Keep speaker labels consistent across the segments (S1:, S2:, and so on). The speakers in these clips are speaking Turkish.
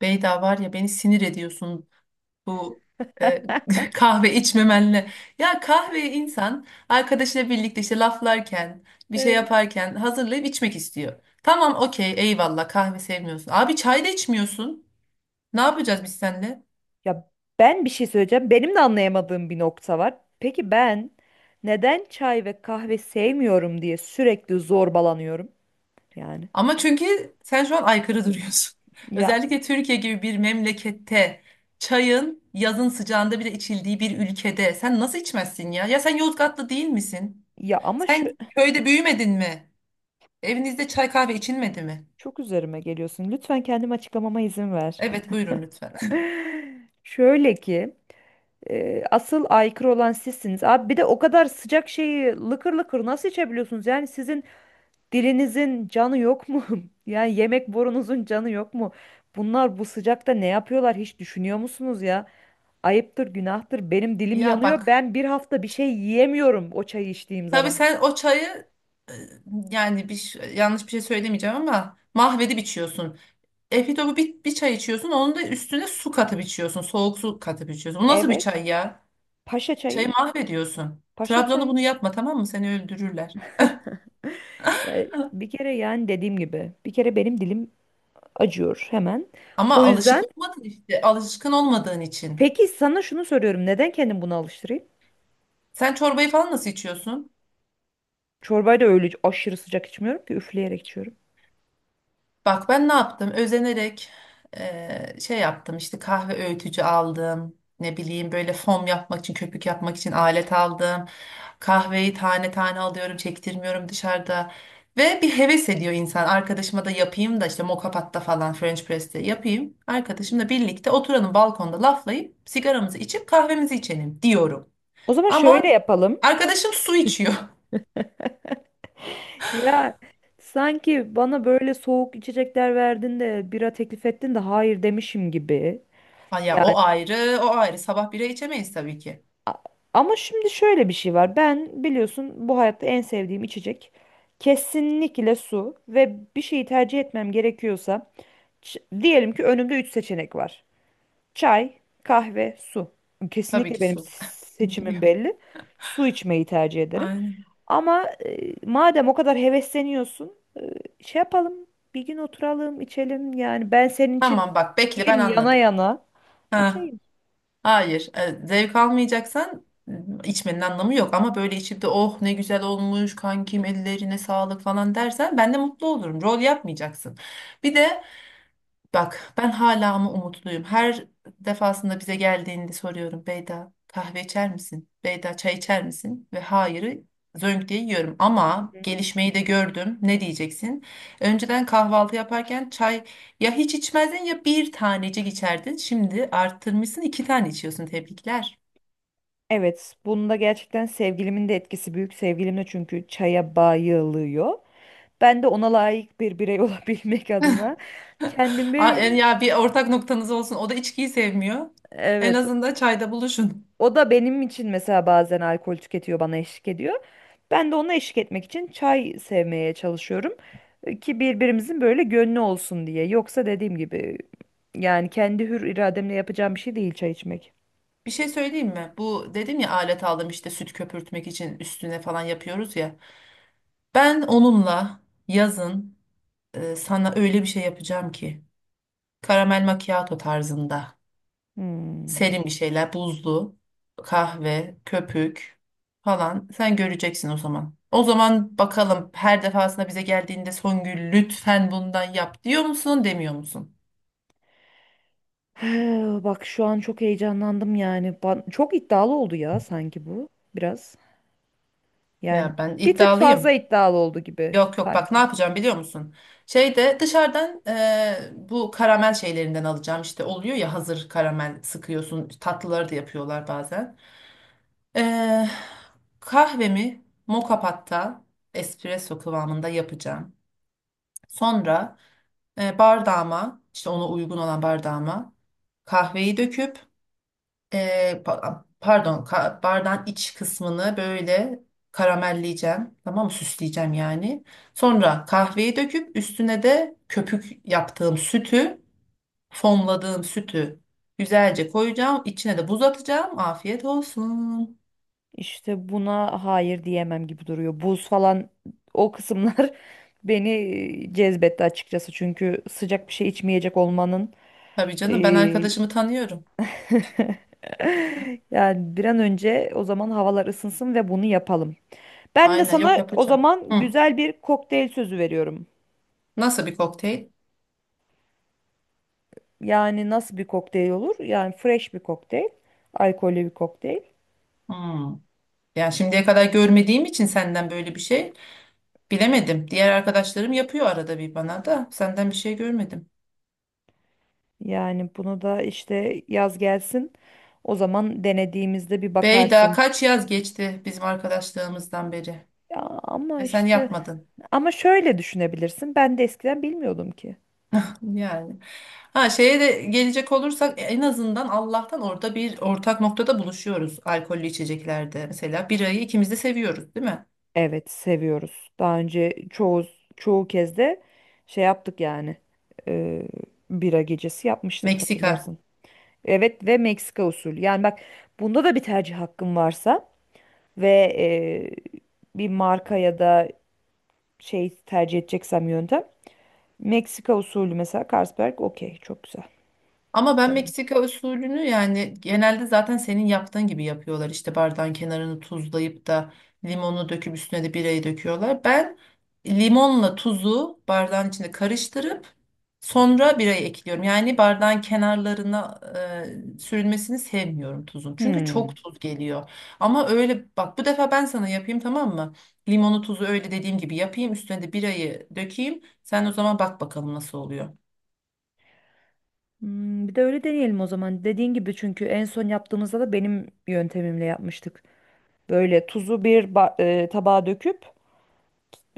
S1: Beyda var ya beni sinir ediyorsun bu e, kahve içmemenle. Ya kahveyi insan arkadaşıyla birlikte işte laflarken bir şey
S2: Evet.
S1: yaparken hazırlayıp içmek istiyor. Tamam okey eyvallah kahve sevmiyorsun. Abi çay da içmiyorsun. Ne yapacağız biz seninle?
S2: Ya ben bir şey söyleyeceğim. Benim de anlayamadığım bir nokta var. Peki ben neden çay ve kahve sevmiyorum diye sürekli zorbalanıyorum yani.
S1: Ama çünkü sen şu an aykırı duruyorsun.
S2: Ya
S1: Özellikle Türkiye gibi bir memlekette çayın yazın sıcağında bile içildiği bir ülkede sen nasıl içmezsin ya? Ya sen Yozgatlı değil misin?
S2: ama şu
S1: Sen köyde büyümedin mi? Evinizde çay kahve içilmedi mi?
S2: çok üzerime geliyorsun. Lütfen kendimi açıklamama izin ver.
S1: Evet buyurun lütfen.
S2: Şöyle ki asıl aykırı olan sizsiniz. Abi bir de o kadar sıcak şeyi lıkır lıkır nasıl içebiliyorsunuz? Yani sizin dilinizin canı yok mu? Yani yemek borunuzun canı yok mu? Bunlar bu sıcakta ne yapıyorlar hiç düşünüyor musunuz ya? Ayıptır, günahtır. Benim dilim
S1: Ya
S2: yanıyor.
S1: bak
S2: Ben bir hafta bir şey yiyemiyorum o çayı içtiğim
S1: tabii
S2: zaman.
S1: sen o çayı e, yani yanlış bir şey söylemeyeceğim ama mahvedip içiyorsun. Efitopu bir çay içiyorsun onun da üstüne su katıp içiyorsun. Soğuk su katıp içiyorsun. Bu nasıl bir
S2: Evet.
S1: çay ya?
S2: Paşa çayı.
S1: Çayı mahvediyorsun.
S2: Paşa
S1: Trabzon'da
S2: çayı.
S1: bunu yapma tamam mı? Seni öldürürler.
S2: Ya bir kere yani dediğim gibi. Bir kere benim dilim acıyor hemen.
S1: Ama
S2: O
S1: alışık
S2: yüzden
S1: olmadın işte. Alışkın olmadığın için.
S2: peki sana şunu soruyorum. Neden kendimi buna alıştırayım?
S1: Sen çorbayı falan nasıl içiyorsun?
S2: Çorbayı da öyle aşırı sıcak içmiyorum ki üfleyerek içiyorum.
S1: Bak ben ne yaptım? Özenerek şey yaptım işte kahve öğütücü aldım. Ne bileyim böyle fom yapmak için, köpük yapmak için alet aldım. Kahveyi tane tane alıyorum, çektirmiyorum dışarıda. Ve bir heves ediyor insan. Arkadaşıma da yapayım da işte moka patta falan French press'te yapayım. Arkadaşımla birlikte oturalım balkonda laflayıp sigaramızı içip kahvemizi içelim diyorum.
S2: O zaman
S1: Ama
S2: şöyle yapalım.
S1: arkadaşım su içiyor.
S2: Ya sanki bana böyle soğuk içecekler verdin de bira teklif ettin de hayır demişim gibi.
S1: Ay ya
S2: Yani
S1: o ayrı, o ayrı. Sabah bira içemeyiz tabii ki.
S2: a- ama şimdi şöyle bir şey var. Ben biliyorsun bu hayatta en sevdiğim içecek kesinlikle su ve bir şeyi tercih etmem gerekiyorsa diyelim ki önümde 3 seçenek var. Çay, kahve, su.
S1: Tabii
S2: Kesinlikle
S1: ki
S2: benim
S1: su.
S2: seçimim
S1: Biliyorum.
S2: belli. Su içmeyi tercih ederim.
S1: Aynen.
S2: Ama madem o kadar hevesleniyorsun, şey yapalım. Bir gün oturalım, içelim. Yani ben senin için
S1: Tamam bak bekle ben
S2: dilim yana
S1: anladım.
S2: yana
S1: Ha,
S2: içeyim.
S1: hayır. Zevk almayacaksan içmenin anlamı yok ama böyle içip de oh ne güzel olmuş kankim ellerine sağlık falan dersen ben de mutlu olurum. Rol yapmayacaksın. Bir de bak ben hala ama umutluyum. Her defasında bize geldiğinde soruyorum Beyda kahve içer misin? Beyda çay içer misin? Ve hayırı zönk diye yiyorum. Ama gelişmeyi de gördüm. Ne diyeceksin? Önceden kahvaltı yaparken çay ya hiç içmezdin ya bir tanecik içerdin. Şimdi arttırmışsın iki tane içiyorsun. Tebrikler.
S2: Evet, bunda gerçekten sevgilimin de etkisi büyük. Sevgilim de çünkü çaya bayılıyor. Ben de ona layık bir birey olabilmek adına
S1: Aa,
S2: kendimi,
S1: ya bir ortak noktanız olsun. O da içkiyi sevmiyor. En
S2: evet.
S1: azından çayda buluşun.
S2: O da benim için mesela bazen alkol tüketiyor, bana eşlik ediyor. Ben de ona eşlik etmek için çay sevmeye çalışıyorum, ki birbirimizin böyle gönlü olsun diye. Yoksa dediğim gibi yani kendi hür irademle yapacağım bir şey değil çay içmek.
S1: Bir şey söyleyeyim mi? Bu dedim ya alet aldım işte süt köpürtmek için üstüne falan yapıyoruz ya. Ben onunla yazın sana öyle bir şey yapacağım ki karamel macchiato tarzında
S2: Hmm.
S1: serin bir şeyler buzlu kahve köpük falan sen göreceksin o zaman. O zaman bakalım her defasında bize geldiğinde Songül lütfen bundan yap diyor musun demiyor musun?
S2: Bak şu an çok heyecanlandım yani. Çok iddialı oldu ya sanki bu biraz. Yani
S1: Ya ben
S2: bir tık fazla
S1: iddialıyım.
S2: iddialı oldu gibi
S1: Yok yok bak ne
S2: sanki.
S1: yapacağım biliyor musun? Şeyde dışarıdan bu karamel şeylerinden alacağım işte oluyor ya hazır karamel sıkıyorsun tatlıları da yapıyorlar bazen. Eee, kahvemi moka patta espresso kıvamında yapacağım. Sonra bardağıma işte ona uygun olan bardağıma kahveyi döküp bardağın iç kısmını böyle karamelleyeceğim. Tamam mı? Süsleyeceğim yani. Sonra kahveyi döküp üstüne de köpük yaptığım sütü, fonladığım sütü güzelce koyacağım. İçine de buz atacağım. Afiyet olsun.
S2: İşte buna hayır diyemem gibi duruyor. Buz falan o kısımlar beni cezbetti açıkçası. Çünkü sıcak bir şey içmeyecek olmanın
S1: Tabii canım ben
S2: eee,
S1: arkadaşımı tanıyorum.
S2: yani bir an önce o zaman havalar ısınsın ve bunu yapalım. Ben de
S1: Aynen yok
S2: sana o
S1: yapacağım.
S2: zaman
S1: Hı.
S2: güzel bir kokteyl sözü veriyorum.
S1: Nasıl bir kokteyl?
S2: Yani nasıl bir kokteyl olur? Yani fresh bir kokteyl, alkollü bir kokteyl.
S1: Hmm. Yani şimdiye kadar görmediğim için senden böyle bir şey bilemedim. Diğer arkadaşlarım yapıyor arada bir bana da senden bir şey görmedim.
S2: Yani bunu da işte yaz gelsin. O zaman denediğimizde bir
S1: Bey daha
S2: bakarsın.
S1: kaç yaz geçti bizim arkadaşlığımızdan beri
S2: Ya ama
S1: ve sen
S2: işte
S1: yapmadın
S2: ama şöyle düşünebilirsin. Ben de eskiden bilmiyordum ki.
S1: yani. Ha şeye de gelecek olursak en azından Allah'tan orada bir ortak noktada buluşuyoruz alkollü içeceklerde. Mesela birayı ikimiz de seviyoruz değil mi?
S2: Evet seviyoruz. Daha önce çoğu kez de şey yaptık yani. e, Bira gecesi yapmıştık
S1: Meksika.
S2: hatırlarsın. Evet ve Meksika usulü. Yani bak bunda da bir tercih hakkım varsa ve bir marka ya da şey tercih edeceksem yöntem. Meksika usulü mesela Carlsberg okey çok güzel.
S1: Ama ben
S2: Evet.
S1: Meksika usulünü yani genelde zaten senin yaptığın gibi yapıyorlar. İşte bardağın kenarını tuzlayıp da limonu döküp üstüne de birayı döküyorlar. Ben limonla tuzu bardağın içinde karıştırıp sonra birayı ekliyorum. Yani bardağın kenarlarına sürülmesini sevmiyorum tuzun. Çünkü
S2: Hmm.
S1: çok tuz geliyor. Ama öyle bak bu defa ben sana yapayım tamam mı? Limonu tuzu öyle dediğim gibi yapayım. Üstüne de birayı dökeyim. Sen o zaman bak bakalım nasıl oluyor.
S2: Hmm, bir de öyle deneyelim o zaman. Dediğin gibi çünkü en son yaptığımızda da benim yöntemimle yapmıştık. Böyle tuzu tabağa döküp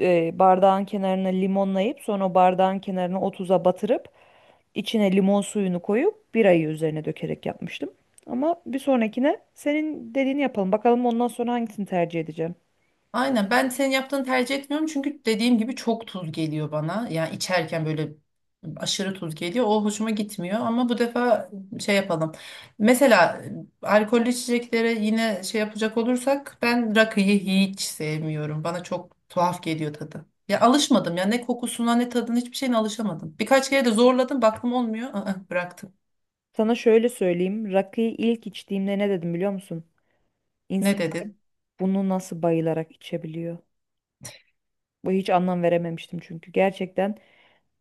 S2: bardağın kenarına limonlayıp sonra o bardağın kenarına o tuza batırıp içine limon suyunu koyup birayı üzerine dökerek yapmıştım. Ama bir sonrakine senin dediğini yapalım. Bakalım ondan sonra hangisini tercih edeceğim.
S1: Aynen ben senin yaptığını tercih etmiyorum çünkü dediğim gibi çok tuz geliyor bana. Yani içerken böyle aşırı tuz geliyor. O hoşuma gitmiyor ama bu defa şey yapalım. Mesela alkollü içeceklere yine şey yapacak olursak ben rakıyı hiç sevmiyorum. Bana çok tuhaf geliyor tadı. Ya alışmadım ya ne kokusuna ne tadına hiçbir şeyine alışamadım. Birkaç kere de zorladım baktım olmuyor. Aa, bıraktım.
S2: Sana şöyle söyleyeyim. Rakıyı ilk içtiğimde ne dedim biliyor musun?
S1: Ne
S2: İnsan
S1: dedin?
S2: bunu nasıl bayılarak içebiliyor? Bu hiç anlam verememiştim çünkü gerçekten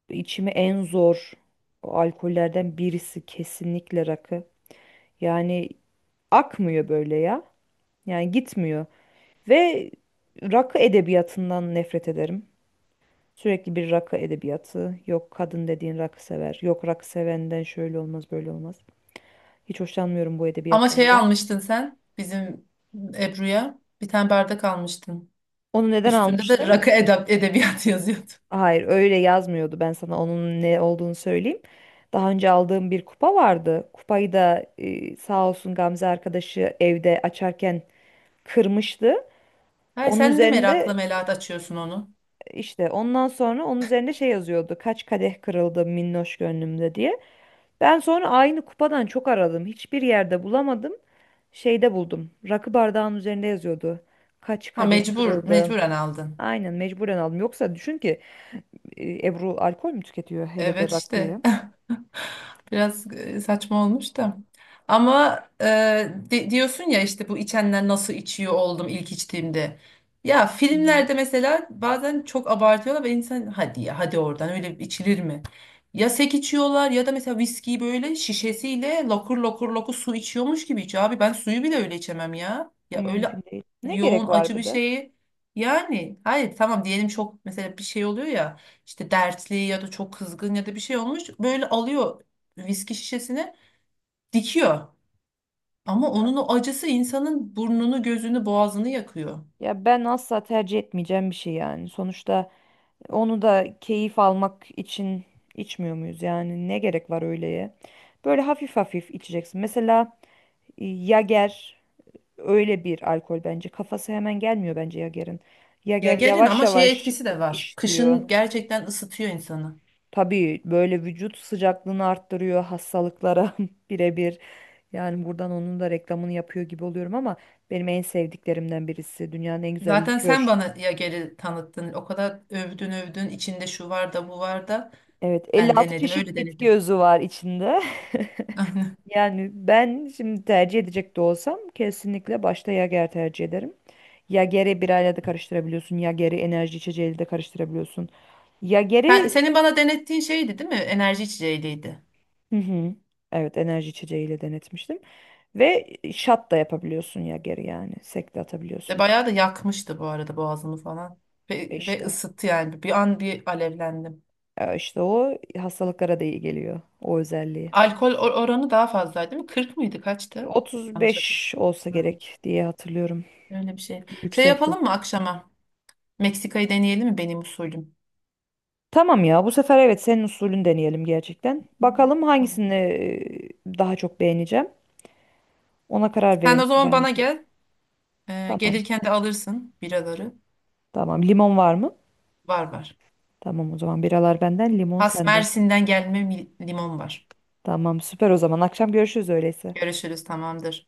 S2: İçimi en zor alkollerden birisi kesinlikle rakı. Yani akmıyor böyle ya. Yani gitmiyor. Ve rakı edebiyatından nefret ederim. Sürekli bir rakı edebiyatı. Yok kadın dediğin rakı sever. Yok rakı sevenden şöyle olmaz böyle olmaz. Hiç hoşlanmıyorum bu
S1: Ama
S2: edebiyattan
S1: şey
S2: da.
S1: almıştın sen bizim Ebru'ya bir tane bardak almıştın.
S2: Onu neden
S1: Üstünde de
S2: almıştım?
S1: rakı edebiyatı yazıyordu.
S2: Hayır öyle yazmıyordu. Ben sana onun ne olduğunu söyleyeyim. Daha önce aldığım bir kupa vardı. Kupayı da sağ olsun Gamze arkadaşı evde açarken kırmıştı.
S1: Hayır
S2: Onun
S1: sen de merakla
S2: üzerinde
S1: melat açıyorsun onu.
S2: işte ondan sonra onun üzerinde şey yazıyordu. Kaç kadeh kırıldı minnoş gönlümde diye. Ben sonra aynı kupadan çok aradım. Hiçbir yerde bulamadım. Şeyde buldum. Rakı bardağının üzerinde yazıyordu. Kaç
S1: Ha
S2: kadeh kırıldı.
S1: mecburen aldın.
S2: Aynen mecburen aldım. Yoksa düşün ki Ebru alkol mü tüketiyor hele de
S1: Evet işte.
S2: rakıyı?
S1: Biraz saçma olmuş da. Ama diyorsun ya işte bu içenler nasıl içiyor oldum ilk içtiğimde. Ya
S2: Hı hı.
S1: filmlerde mesela bazen çok abartıyorlar ve insan hadi ya hadi oradan öyle içilir mi? Ya sek içiyorlar ya da mesela viskiyi böyle şişesiyle lokur lokur lokur su içiyormuş gibi içiyor. Abi ben suyu bile öyle içemem ya.
S2: O
S1: Ya öyle
S2: mümkün değil. Ne
S1: yoğun
S2: gerek var
S1: acı bir
S2: bir de?
S1: şeyi yani hayır tamam diyelim çok mesela bir şey oluyor ya. İşte dertli ya da çok kızgın ya da bir şey olmuş böyle alıyor viski şişesini dikiyor. Ama onun o acısı insanın burnunu, gözünü, boğazını yakıyor.
S2: Ya ben asla tercih etmeyeceğim bir şey yani. Sonuçta onu da keyif almak için içmiyor muyuz? Yani ne gerek var öyleye? Böyle hafif hafif içeceksin. Mesela Yager öyle bir alkol bence. Kafası hemen gelmiyor bence Yager'in.
S1: Ya
S2: Yager
S1: gelin
S2: yavaş
S1: ama şey
S2: yavaş
S1: etkisi de var.
S2: işliyor.
S1: Kışın gerçekten ısıtıyor insanı.
S2: Tabii böyle vücut sıcaklığını arttırıyor hastalıklara birebir. Yani buradan onun da reklamını yapıyor gibi oluyorum ama benim en sevdiklerimden birisi. Dünyanın en güzel
S1: Zaten sen
S2: likör.
S1: bana ya geri tanıttın. O kadar övdün övdün. İçinde şu var da bu var da.
S2: Evet,
S1: Ben
S2: 56
S1: denedim, öyle
S2: çeşit bitki
S1: denedim.
S2: özü var içinde. Yani ben şimdi tercih edecek de olsam kesinlikle başta Yager tercih ederim. Yager'i birayla da karıştırabiliyorsun. Yager'i enerji içeceğiyle de karıştırabiliyorsun. Yager'i
S1: Senin bana denettiğin şeydi değil mi? Enerji içeceğiydi.
S2: hı hı, evet enerji içeceğiyle denetmiştim. Ve şat da yapabiliyorsun Yager'i yani. Sek de
S1: Ve
S2: atabiliyorsun.
S1: bayağı da yakmıştı bu arada boğazımı falan.
S2: E
S1: Ve
S2: İşte.
S1: ısıttı yani. Bir an bir alevlendim.
S2: E işte o hastalıklara da iyi geliyor. O özelliği.
S1: Alkol oranı daha fazlaydı değil mi? 40 mıydı? Kaçtı? Yanlış hatırlıyorum.
S2: 35 olsa
S1: Hmm.
S2: gerek diye hatırlıyorum.
S1: Öyle bir şey. Şey
S2: Yüksekti.
S1: yapalım mı akşama? Meksika'yı deneyelim mi benim usulüm?
S2: Tamam ya bu sefer evet senin usulünü deneyelim gerçekten.
S1: Hmm.
S2: Bakalım
S1: Tamam.
S2: hangisini daha çok beğeneceğim.
S1: Sen o zaman bana
S2: Vermiş olayım.
S1: gel.
S2: Tamam.
S1: Gelirken de alırsın biraları.
S2: Tamam. Limon var mı?
S1: Var var.
S2: Tamam o zaman biralar benden, limon
S1: Has
S2: senden.
S1: Mersin'den limon var.
S2: Tamam süper o zaman. Akşam görüşürüz öyleyse.
S1: Görüşürüz tamamdır.